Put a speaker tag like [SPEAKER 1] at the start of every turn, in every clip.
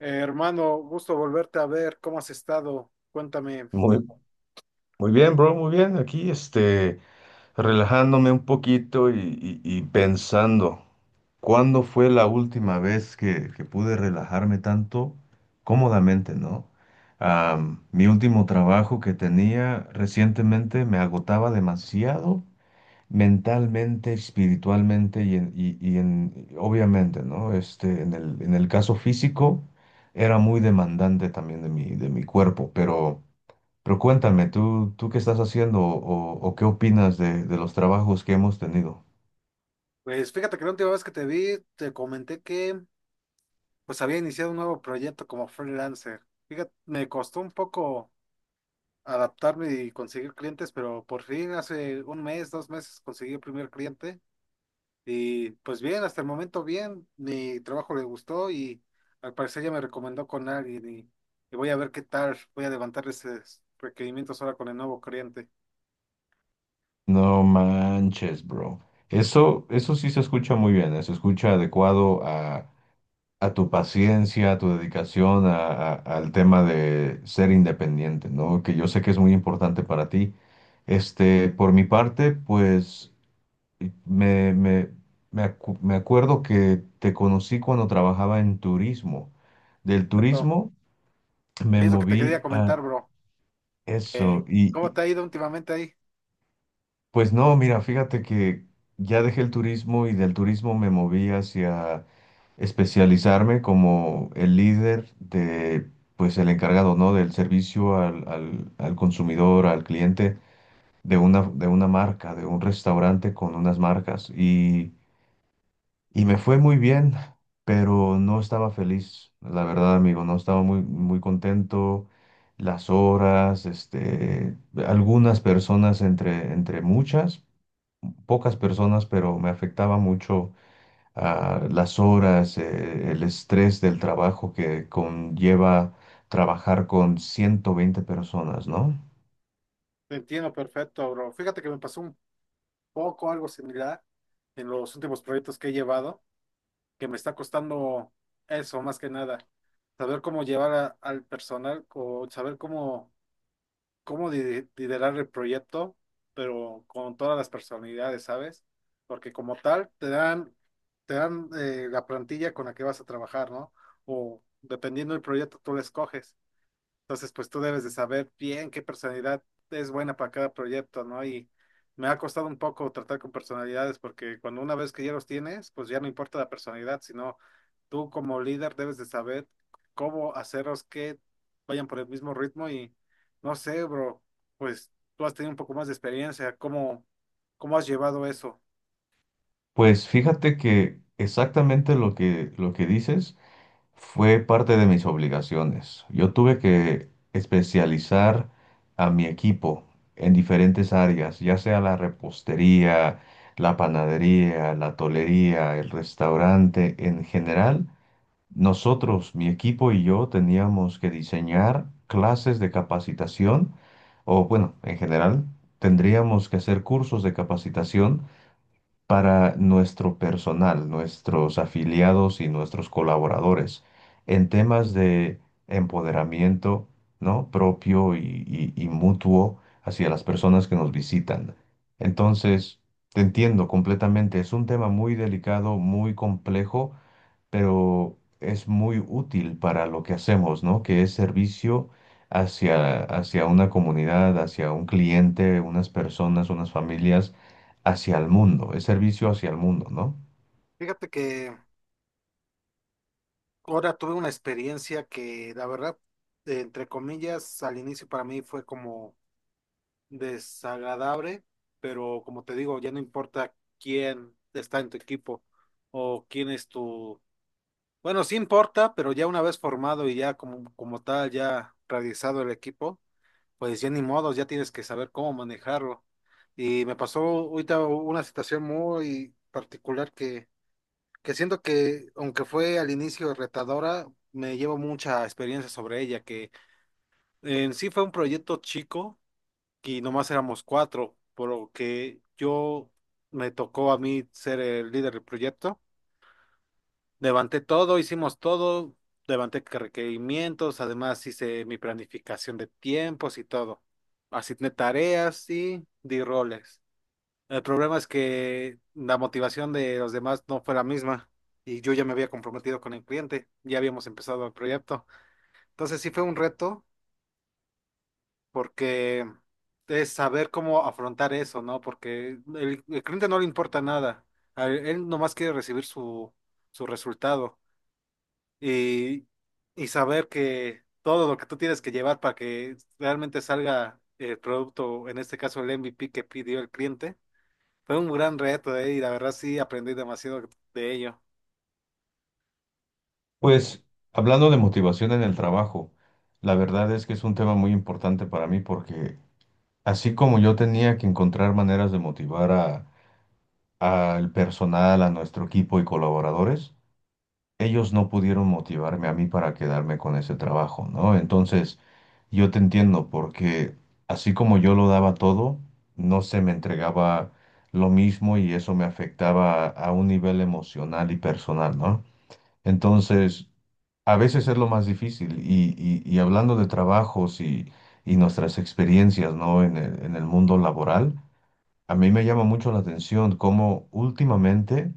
[SPEAKER 1] Hermano, gusto volverte a ver. ¿Cómo has estado? Cuéntame.
[SPEAKER 2] Muy, muy bien, bro, muy bien. Aquí, este, relajándome un poquito y pensando, ¿cuándo fue la última vez que pude relajarme tanto cómodamente, ¿no? Mi último trabajo que tenía recientemente me agotaba demasiado mentalmente, espiritualmente y en, obviamente, ¿no? Este, en el caso físico, era muy demandante también de mi cuerpo, pero. Cuéntame, ¿tú qué estás haciendo o qué opinas de los trabajos que hemos tenido?
[SPEAKER 1] Pues fíjate que la última vez que te vi, te comenté que pues había iniciado un nuevo proyecto como freelancer. Fíjate, me costó un poco adaptarme y conseguir clientes, pero por fin hace un mes, 2 meses conseguí el primer cliente y pues bien, hasta el momento bien, mi trabajo le gustó y al parecer ya me recomendó con alguien y voy a ver qué tal, voy a levantar esos requerimientos ahora con el nuevo cliente.
[SPEAKER 2] No manches, bro. Eso sí se escucha muy bien. Se escucha adecuado a tu paciencia, a tu dedicación, al tema de ser independiente, ¿no? Que yo sé que es muy importante para ti. Este, por mi parte, pues me, me, me acuerdo que te conocí cuando trabajaba en turismo. Del
[SPEAKER 1] Eso
[SPEAKER 2] turismo me
[SPEAKER 1] es lo que te
[SPEAKER 2] moví.
[SPEAKER 1] quería comentar, bro. Eh,
[SPEAKER 2] Eso, y
[SPEAKER 1] ¿Cómo
[SPEAKER 2] y,
[SPEAKER 1] te ha ido últimamente ahí?
[SPEAKER 2] pues no, mira, fíjate que ya dejé el turismo y del turismo me moví hacia especializarme como el líder de, pues el encargado, ¿no? Del servicio al consumidor, al cliente de una marca, de un restaurante con unas marcas. Y me fue muy bien, pero no estaba feliz, la verdad, amigo, no estaba muy, muy contento. Las horas, este, algunas personas entre muchas, pocas personas, pero me afectaba mucho, las horas, el estrés del trabajo que conlleva trabajar con 120 personas, ¿no?
[SPEAKER 1] Te entiendo perfecto, bro. Fíjate que me pasó un poco algo similar en los últimos proyectos que he llevado, que me está costando eso más que nada, saber cómo llevar al personal o saber cómo liderar el proyecto, pero con todas las personalidades, ¿sabes? Porque como tal, te dan, la plantilla con la que vas a trabajar, ¿no? O dependiendo del proyecto, tú la escoges. Entonces, pues tú debes de saber bien qué personalidad es buena para cada proyecto, ¿no? Y me ha costado un poco tratar con personalidades porque cuando una vez que ya los tienes, pues ya no importa la personalidad, sino tú como líder debes de saber cómo hacerlos que vayan por el mismo ritmo y no sé, bro, pues tú has tenido un poco más de experiencia, ¿cómo has llevado eso?
[SPEAKER 2] Pues fíjate que exactamente lo que dices. Fue parte de mis obligaciones. Yo tuve que especializar a mi equipo en diferentes áreas, ya sea la repostería, la panadería, la tolería, el restaurante. En general, nosotros, mi equipo y yo, teníamos que diseñar clases de capacitación, o bueno, en general, tendríamos que hacer cursos de capacitación para nuestro personal, nuestros afiliados y nuestros colaboradores en temas de empoderamiento, ¿no? propio y mutuo hacia las personas que nos visitan. Entonces, te entiendo completamente, es un tema muy delicado, muy complejo, pero es muy útil para lo que hacemos, ¿no? Que es servicio hacia una comunidad, hacia un cliente, unas personas, unas familias, hacia el mundo, es servicio hacia el mundo, ¿no?
[SPEAKER 1] Fíjate que ahora tuve una experiencia que la verdad, entre comillas, al inicio para mí fue como desagradable, pero como te digo, ya no importa quién está en tu equipo o quién es tu... Bueno, sí importa, pero ya una vez formado y ya como tal, ya realizado el equipo, pues ya ni modos, ya tienes que saber cómo manejarlo. Y me pasó ahorita una situación muy particular que siento que, aunque fue al inicio retadora, me llevo mucha experiencia sobre ella, que en sí fue un proyecto chico y nomás éramos cuatro, por lo que yo me tocó a mí ser el líder del proyecto. Levanté todo, hicimos todo, levanté que requerimientos, además hice mi planificación de tiempos y todo. Asigné tareas y di roles. El problema es que la motivación de los demás no fue la misma y yo ya me había comprometido con el cliente, ya habíamos empezado el proyecto. Entonces sí fue un reto porque es saber cómo afrontar eso, ¿no? Porque el cliente no le importa nada, a él nomás quiere recibir su resultado y, y saber que todo lo que tú tienes que llevar para que realmente salga el producto, en este caso el MVP que pidió el cliente, fue un gran reto, ¿eh? Y la verdad sí aprendí demasiado de ello.
[SPEAKER 2] Pues hablando de motivación en el trabajo, la verdad es que es un tema muy importante para mí porque así como yo tenía que encontrar maneras de motivar a, al personal, a nuestro equipo y colaboradores, ellos no pudieron motivarme a mí para quedarme con ese trabajo, ¿no? Entonces, yo te entiendo porque así como yo lo daba todo, no se me entregaba lo mismo y eso me afectaba a un nivel emocional y personal, ¿no? Entonces, a veces es lo más difícil y hablando de trabajos y nuestras experiencias, ¿no? En el mundo laboral. A mí me llama mucho la atención cómo últimamente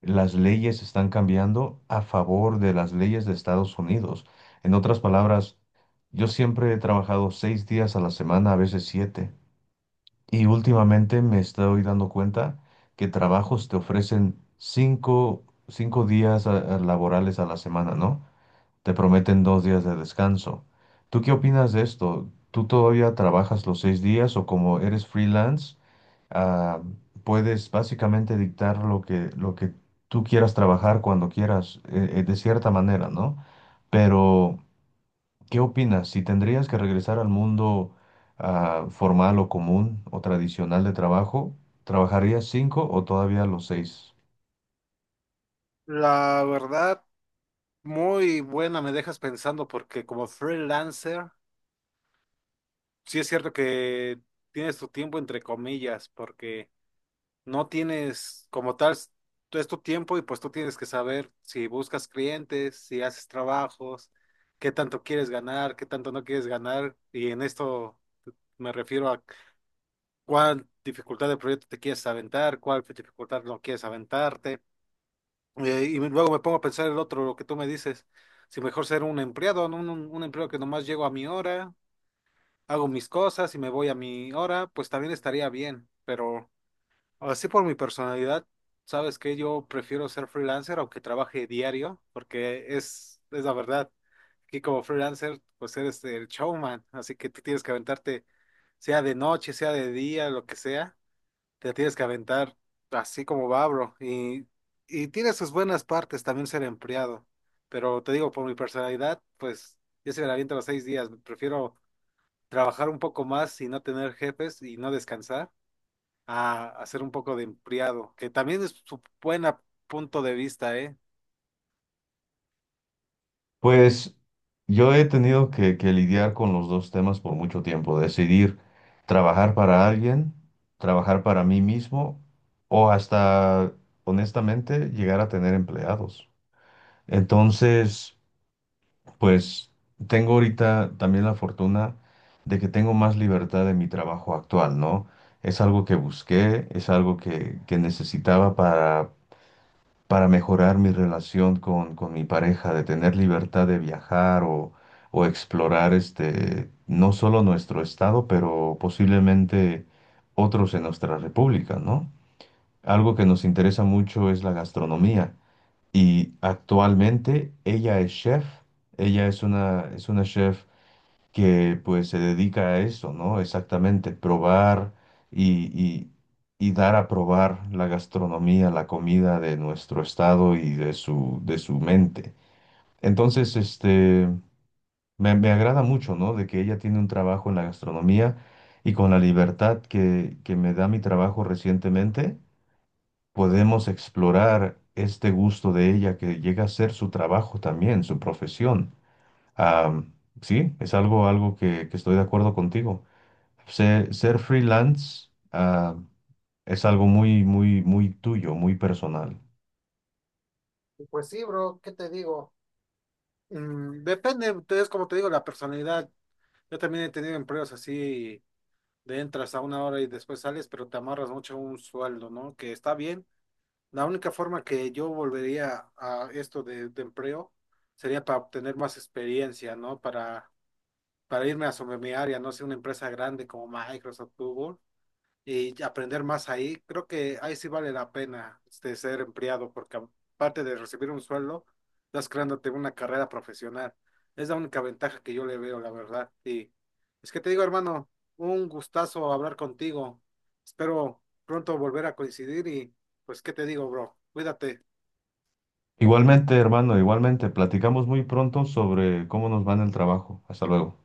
[SPEAKER 2] las leyes están cambiando a favor de las leyes de Estados Unidos. En otras palabras, yo siempre he trabajado seis días a la semana, a veces siete, y últimamente me estoy dando cuenta que trabajos te ofrecen cinco, días laborales a la semana, ¿no? Te prometen dos días de descanso. ¿Tú qué opinas de esto? ¿Tú todavía trabajas los seis días o como eres freelance, ah, puedes básicamente dictar lo que tú quieras trabajar cuando quieras, de cierta manera, ¿no? Pero, ¿qué opinas? Si tendrías que regresar al mundo, formal o común o tradicional de trabajo, ¿trabajarías cinco o todavía los seis?
[SPEAKER 1] La verdad, muy buena, me dejas pensando porque como freelancer, sí es cierto que tienes tu tiempo entre comillas, porque no tienes como tal, es tu tiempo y pues tú tienes que saber si buscas clientes, si haces trabajos, qué tanto quieres ganar, qué tanto no quieres ganar. Y en esto me refiero a cuál dificultad de proyecto te quieres aventar, cuál dificultad no quieres aventarte. Y luego me pongo a pensar el otro, lo que tú me dices, si mejor ser un empleado, ¿no? Un empleado que nomás llego a mi hora hago mis cosas y me voy a mi hora, pues también estaría bien, pero así por mi personalidad, sabes que yo prefiero ser freelancer aunque trabaje diario, porque es la verdad, aquí como freelancer, pues eres el showman, así que tú tienes que aventarte, sea de noche, sea de día, lo que sea, te tienes que aventar así como va, bro, y tiene sus buenas partes también ser empleado, pero te digo, por mi personalidad, pues yo se me la aviento los 6 días, prefiero trabajar un poco más y no tener jefes y no descansar, a hacer un poco de empleado, que también es su buen punto de vista, ¿eh?
[SPEAKER 2] Pues yo he tenido que lidiar con los dos temas por mucho tiempo, decidir trabajar para alguien, trabajar para mí mismo o hasta, honestamente, llegar a tener empleados. Entonces, pues tengo ahorita también la fortuna de que tengo más libertad en mi trabajo actual, ¿no? Es algo que busqué, es algo que necesitaba para mejorar mi relación con mi pareja, de tener libertad de viajar o explorar este, no solo nuestro estado, pero posiblemente otros en nuestra república, ¿no? Algo que nos interesa mucho es la gastronomía y actualmente ella es chef, ella es una chef que pues se dedica a eso, ¿no? Exactamente, probar y, y- y dar a probar la gastronomía, la comida de nuestro estado y de su mente. Entonces, este, me agrada mucho, ¿no? De que ella tiene un trabajo en la gastronomía y con la libertad que me da mi trabajo recientemente, podemos explorar este gusto de ella que llega a ser su trabajo también, su profesión. Ah, sí, es algo que estoy de acuerdo contigo. Ser freelance, es algo muy, muy, muy tuyo, muy personal.
[SPEAKER 1] Pues sí, bro, ¿qué te digo? Depende, es como te digo, la personalidad. Yo también he tenido empleos así de entras a una hora y después sales, pero te amarras mucho a un sueldo, ¿no? Que está bien. La única forma que yo volvería a esto de empleo sería para obtener más experiencia, ¿no? Para irme a sobre mi área, no sé, una empresa grande como Microsoft, Google, y aprender más ahí, creo que ahí sí vale la pena este, ser empleado, porque aparte de recibir un sueldo, estás creándote una carrera profesional. Es la única ventaja que yo le veo, la verdad. Y es que te digo, hermano, un gustazo hablar contigo. Espero pronto volver a coincidir y pues, ¿qué te digo, bro? Cuídate.
[SPEAKER 2] Igualmente, hermano, igualmente, platicamos muy pronto sobre cómo nos va en el trabajo. Hasta luego.